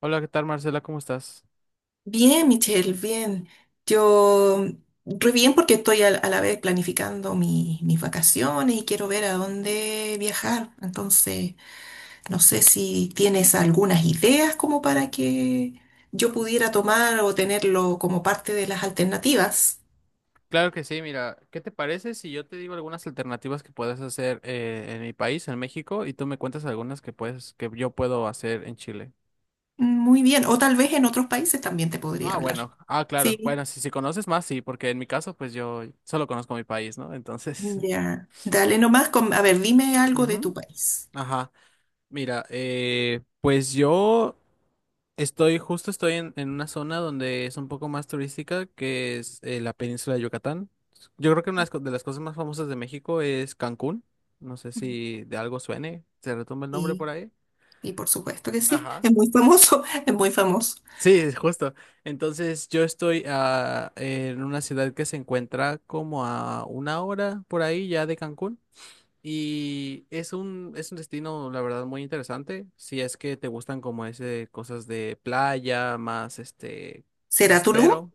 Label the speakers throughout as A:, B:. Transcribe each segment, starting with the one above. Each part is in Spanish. A: Hola, ¿qué tal, Marcela? ¿Cómo estás?
B: Bien, Michelle, bien. Yo, re bien porque estoy a la vez planificando mis vacaciones y quiero ver a dónde viajar. Entonces, no sé si tienes algunas ideas como para que yo pudiera tomar o tenerlo como parte de las alternativas.
A: Claro que sí, mira, ¿qué te parece si yo te digo algunas alternativas que puedes hacer en mi país, en México, y tú me cuentas algunas que yo puedo hacer en Chile?
B: Muy bien. O tal vez en otros países también te podría hablar.
A: Bueno, claro.
B: Sí,
A: Bueno, si conoces más, sí, porque en mi caso, pues yo solo conozco mi país, ¿no? Entonces,
B: ya. Dale nomás. A ver, dime algo de tu
A: ujú.
B: país.
A: Ajá. Mira, pues yo Estoy, en una zona donde es un poco más turística, que es la península de Yucatán. Yo creo que una de las de las cosas más famosas de México es Cancún. No sé si de algo suene, se retumba el nombre por
B: Y,
A: ahí.
B: y por supuesto que sí.
A: Ajá.
B: Es muy famoso, es muy famoso.
A: Sí, justo. Entonces yo estoy en una ciudad que se encuentra como a una hora por ahí ya de Cancún. Y es es un destino, la verdad, muy interesante. Si es que te gustan como ese cosas de playa, más este
B: ¿Será Tulum?
A: costero.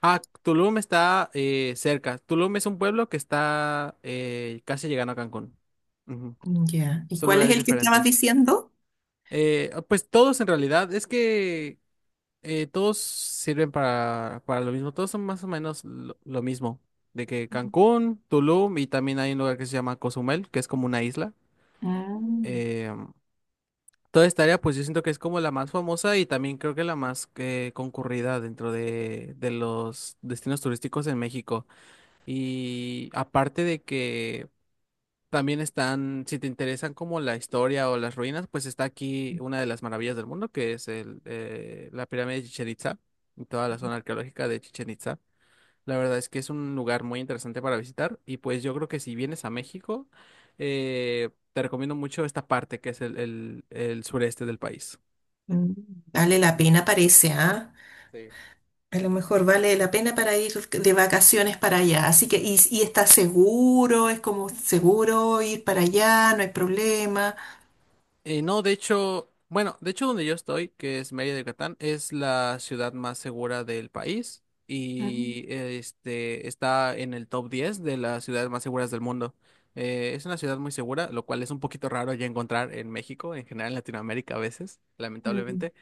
A: Ah, Tulum está cerca. Tulum es un pueblo que está casi llegando a Cancún. Ujú.
B: Ya. ¿Y
A: Son
B: cuál es
A: lugares
B: el que estabas
A: diferentes.
B: diciendo?
A: Pues todos en realidad, es que todos sirven para lo mismo. Todos son más o menos lo mismo. De que Cancún, Tulum y también hay un lugar que se llama Cozumel, que es como una isla.
B: Ah,
A: eh, Toda esta área, pues yo siento que es como la más famosa y también creo que la más concurrida dentro de los destinos turísticos en México. Y aparte de que también están, si te interesan como la historia o las ruinas, pues está aquí una de las maravillas del mundo, que es la pirámide de Chichén Itzá y toda la zona arqueológica de Chichén Itzá. La verdad es que es un lugar muy interesante para visitar y pues yo creo que si vienes a México, te recomiendo mucho esta parte que es el sureste del país.
B: mm. Vale
A: Ujú.
B: la pena, parece, ¿ah?
A: Sí.
B: A lo mejor vale la pena para ir de vacaciones para allá. Así que, y está seguro, es como seguro ir para allá, no hay problema.
A: No, de hecho, bueno, de hecho donde yo estoy, que es Mérida, Yucatán, es la ciudad más segura del país
B: Mm,
A: y este está en el top 10 de las ciudades más seguras del mundo. Es una ciudad muy segura, lo cual es un poquito raro ya encontrar en México, en general en Latinoamérica a veces,
B: mm,
A: lamentablemente.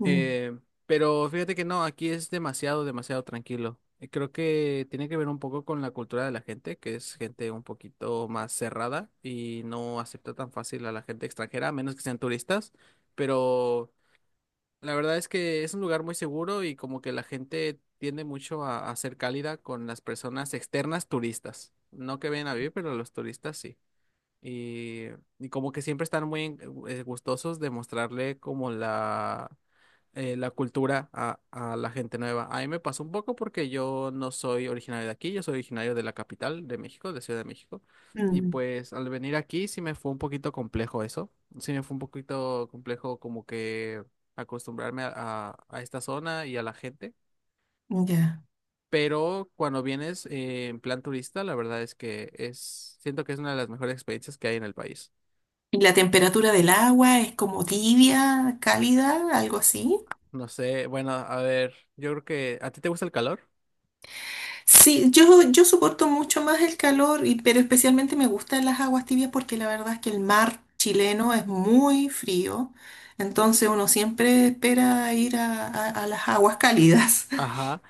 B: mm,
A: Eh, pero fíjate que no, aquí es demasiado, demasiado tranquilo. Creo que tiene que ver un poco con la cultura de la gente, que es gente un poquito más cerrada y no acepta tan fácil a la gente extranjera, a menos que sean turistas. Pero la verdad es que es un lugar muy seguro y como que la gente tiende mucho a ser cálida con las personas externas turistas. No que vayan a vivir, pero los turistas sí. Y, y como que siempre están muy gustosos de mostrarle como la cultura a la gente nueva. A mí me pasó un poco porque yo no soy originario de aquí, yo soy originario de la capital de México, de Ciudad de México. Y pues al venir aquí sí me fue un poquito complejo eso. Sí me fue un poquito complejo como que acostumbrarme a esta zona y a la gente.
B: mm, ya.
A: Pero cuando vienes en plan turista, la verdad es que es, siento que es una de las mejores experiencias que hay en el país.
B: ¿Y la temperatura del agua es como tibia, cálida, algo así?
A: No sé, bueno, a ver, yo creo que a ti te gusta el calor.
B: Sí, yo soporto mucho más el calor, pero especialmente me gustan las aguas tibias porque la verdad es que el mar chileno es muy frío, entonces uno siempre espera ir a, a las aguas cálidas.
A: Ajá.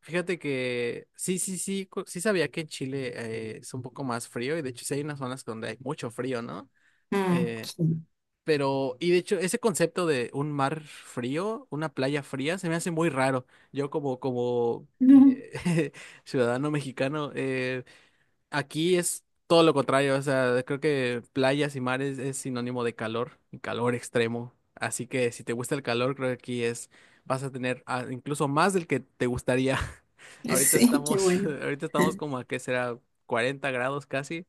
A: Fíjate que sí, sí, sí, sí sabía que en Chile es un poco más frío y de hecho sí hay unas zonas donde hay mucho frío, ¿no?
B: Mm,
A: Eh,
B: sí.
A: pero, y de hecho ese concepto de un mar frío, una playa fría, se me hace muy raro. Yo como
B: Ujú.
A: ciudadano mexicano. Aquí es todo lo contrario, o sea, creo que playas y mares es sinónimo de calor y calor extremo. Así que si te gusta el calor, creo que aquí es, vas a tener incluso más del que te gustaría.
B: Sí, qué bueno.
A: Ahorita estamos como a qué será 40 grados casi,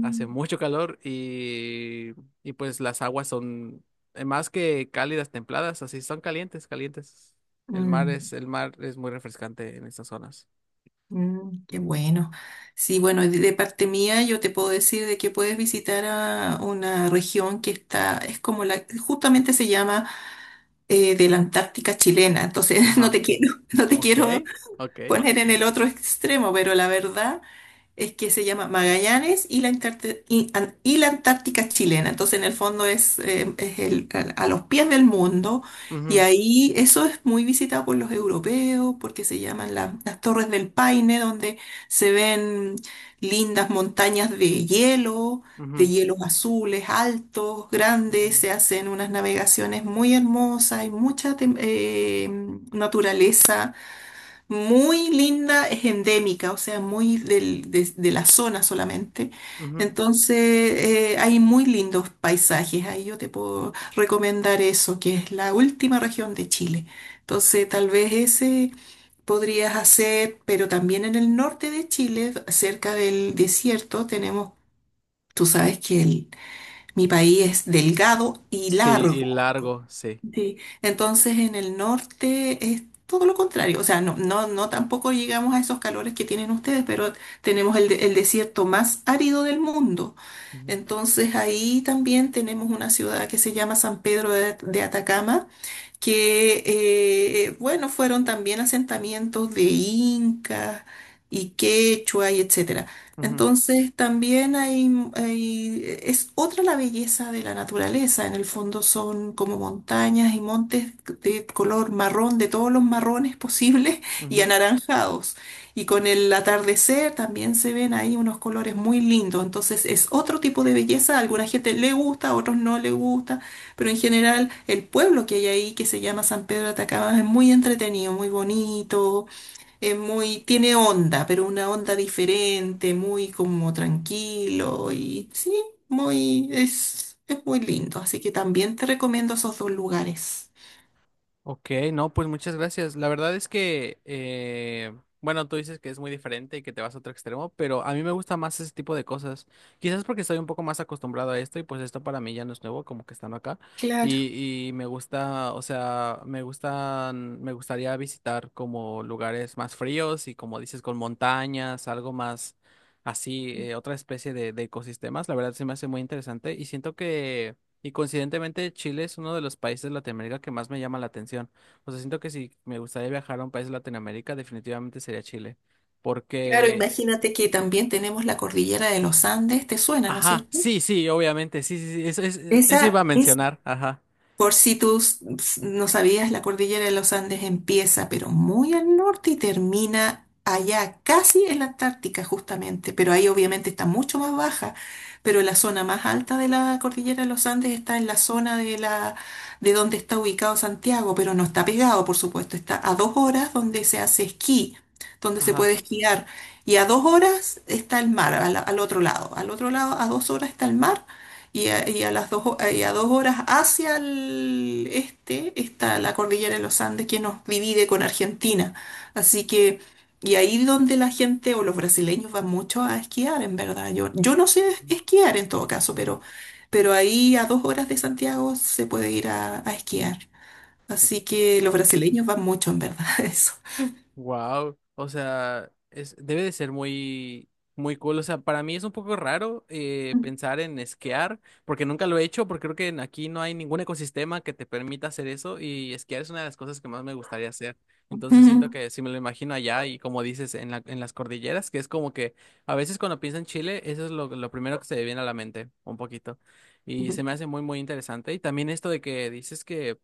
A: hace mucho calor y pues las aguas son más que cálidas, templadas, así son calientes, calientes.
B: mm,
A: El mar es muy refrescante en estas zonas.
B: mm, qué
A: Ujú.
B: bueno. Sí, bueno, de parte mía yo te puedo decir de que puedes visitar a una región que está, es como la, justamente se llama de la Antártica chilena, entonces
A: Ajá,
B: no te
A: ok,
B: quiero
A: ok.
B: poner en el otro extremo, pero la verdad es que se llama Magallanes y la, y la Antártica chilena. Entonces, en el fondo es a los pies del mundo y
A: Ujú,
B: ahí eso es muy visitado por los europeos porque se llaman las Torres del Paine, donde se ven lindas montañas de hielo, de
A: ujú,
B: hielos azules, altos, grandes,
A: ujú,
B: se hacen unas navegaciones muy hermosas, hay mucha naturaleza muy linda, es endémica, o sea, de la zona solamente.
A: ujú.
B: Entonces, hay muy lindos paisajes. Ahí yo te puedo recomendar eso, que es la última región de Chile. Entonces, tal vez ese podrías hacer, pero también en el norte de Chile, cerca del desierto, tenemos, tú sabes que el mi país es delgado y
A: Sí, y
B: largo.
A: largo, sí.
B: Sí, entonces en el norte es todo lo contrario. O sea, no tampoco llegamos a esos calores que tienen ustedes, pero tenemos el desierto más árido del mundo.
A: Ujú,
B: Entonces ahí también tenemos una ciudad que se llama San Pedro de Atacama que, bueno, fueron también asentamientos de incas y quechua y etcétera.
A: ujú,
B: Entonces también hay, es otra la belleza de la naturaleza. En el fondo son como montañas y montes de color marrón, de todos los marrones posibles y
A: ujú.
B: anaranjados. Y con el atardecer también se ven ahí unos colores muy lindos. Entonces es otro tipo de belleza. A alguna gente le gusta, a otros no le gusta, pero en general el pueblo que hay ahí, que se llama San Pedro de Atacama, es muy entretenido, muy bonito, es muy, tiene onda, pero una onda diferente, muy como tranquilo y sí, muy, es muy lindo. Así que también te recomiendo esos dos lugares.
A: Ok, no, pues muchas gracias. La verdad es que, bueno, tú dices que es muy diferente y que te vas a otro extremo, pero a mí me gusta más ese tipo de cosas. Quizás porque estoy un poco más acostumbrado a esto y pues esto para mí ya no es nuevo, como que estando acá.
B: Claro.
A: Y me gusta, o sea, me gustaría visitar como lugares más fríos y como dices, con montañas, algo más así, otra especie de ecosistemas. La verdad se me hace muy interesante y siento que... Y coincidentemente Chile es uno de los países de Latinoamérica que más me llama la atención. O sea, siento que si me gustaría viajar a un país de Latinoamérica, definitivamente sería Chile.
B: Claro,
A: Porque,
B: imagínate que también tenemos la cordillera de los Andes, ¿te suena, no es
A: ajá,
B: cierto?
A: sí, sí, obviamente, sí, sí, sí, eso, eso iba
B: Esa,
A: a mencionar, ajá,
B: por si tú no sabías, la cordillera de los Andes empieza, pero muy al norte y termina allá, casi en la Antártica, justamente. Pero ahí obviamente está mucho más baja. Pero la zona más alta de la cordillera de los Andes está en la zona de donde está ubicado Santiago, pero no está pegado, por supuesto. Está a 2 horas donde se hace esquí, donde se puede
A: ajá.
B: esquiar. Y a 2 horas está el mar, al otro lado. Al otro lado, a dos horas está el mar. Y a dos horas hacia el este está la cordillera de los Andes que nos divide con Argentina. Así que, y ahí donde la gente o los brasileños van mucho a esquiar, en verdad. Yo no sé esquiar en todo caso, pero ahí a dos horas de Santiago se puede ir a esquiar. Así que los
A: Wow.
B: brasileños van mucho, en verdad, a eso.
A: Wow, o sea, es, debe de ser muy, muy cool. O sea, para mí es un poco raro pensar en esquiar, porque nunca lo he hecho, porque creo que aquí no hay ningún ecosistema que te permita hacer eso, y esquiar es una de las cosas que más me gustaría hacer. Entonces siento
B: Ujú,
A: que si me lo imagino allá y como dices, en las cordilleras, que es como que a veces cuando pienso en Chile, eso es lo primero que se me viene a la mente, un poquito. Y
B: ujú,
A: se me hace muy, muy interesante. Y también esto de que dices que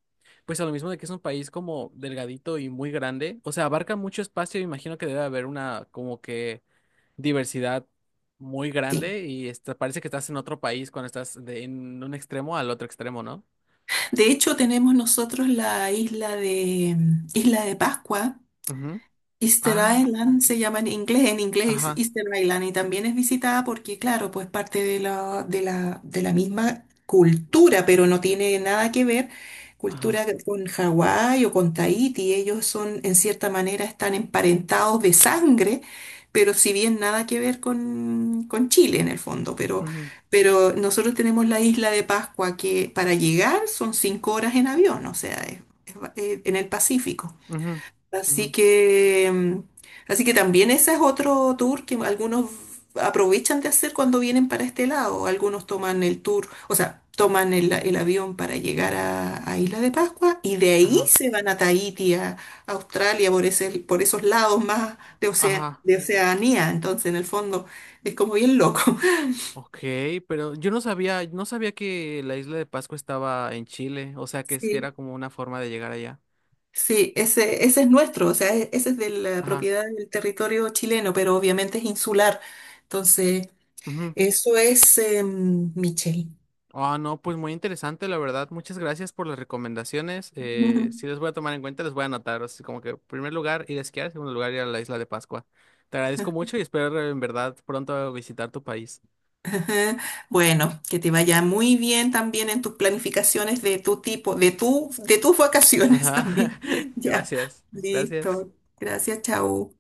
A: pues a lo mismo de que es un país como delgadito y muy grande, o sea, abarca mucho espacio, imagino que debe haber una como que diversidad muy
B: sí.
A: grande y esta- parece que estás en otro país cuando estás de en un extremo al otro extremo, ¿no?
B: De hecho, tenemos nosotros Isla de Pascua.
A: Ujú.
B: Easter
A: Ah,
B: Island se llama en inglés es
A: ajá,
B: Easter Island, y también es visitada porque, claro, pues parte de la misma cultura, pero no tiene nada que ver cultura
A: ajá,
B: con Hawái o con Tahití. Ellos son, en cierta manera, están emparentados de sangre, pero si bien nada que ver con Chile en el fondo,
A: ujú,
B: pero nosotros tenemos la isla de Pascua que para llegar son 5 horas en avión, o sea, en el Pacífico.
A: ujú, ujú,
B: Así que, mm, así que también ese es otro tour que algunos aprovechan de hacer cuando vienen para este lado. Algunos toman el tour, o sea, toman el avión para llegar a Isla de Pascua y de ahí
A: ajá,
B: se van a Tahití, a Australia, por esos lados más
A: ajá.
B: de Oceanía. Entonces, en el fondo, es como bien loco.
A: Ok, pero yo no sabía, no sabía que la isla de Pascua estaba en Chile, o sea, que es que
B: Sí,
A: era como una forma de llegar allá.
B: sí, ese es nuestro, o sea, ese es de la
A: Ajá.
B: propiedad del territorio chileno, pero obviamente es insular. Entonces, eso es, Michelle.
A: Ah, no, pues muy interesante, la verdad. Muchas gracias por las recomendaciones.
B: Ujú.
A: Sí les voy a tomar en cuenta, les voy a anotar. Así como que, primer lugar, ir a esquiar, segundo lugar, ir a la isla de Pascua. Te agradezco mucho y espero en verdad pronto visitar tu país.
B: Ajá. Bueno, que te vaya muy bien también en tus planificaciones de tu tipo, de tu, de tus vacaciones
A: Ajá,
B: también. Ya,
A: gracias, gracias.
B: listo. Gracias, chao.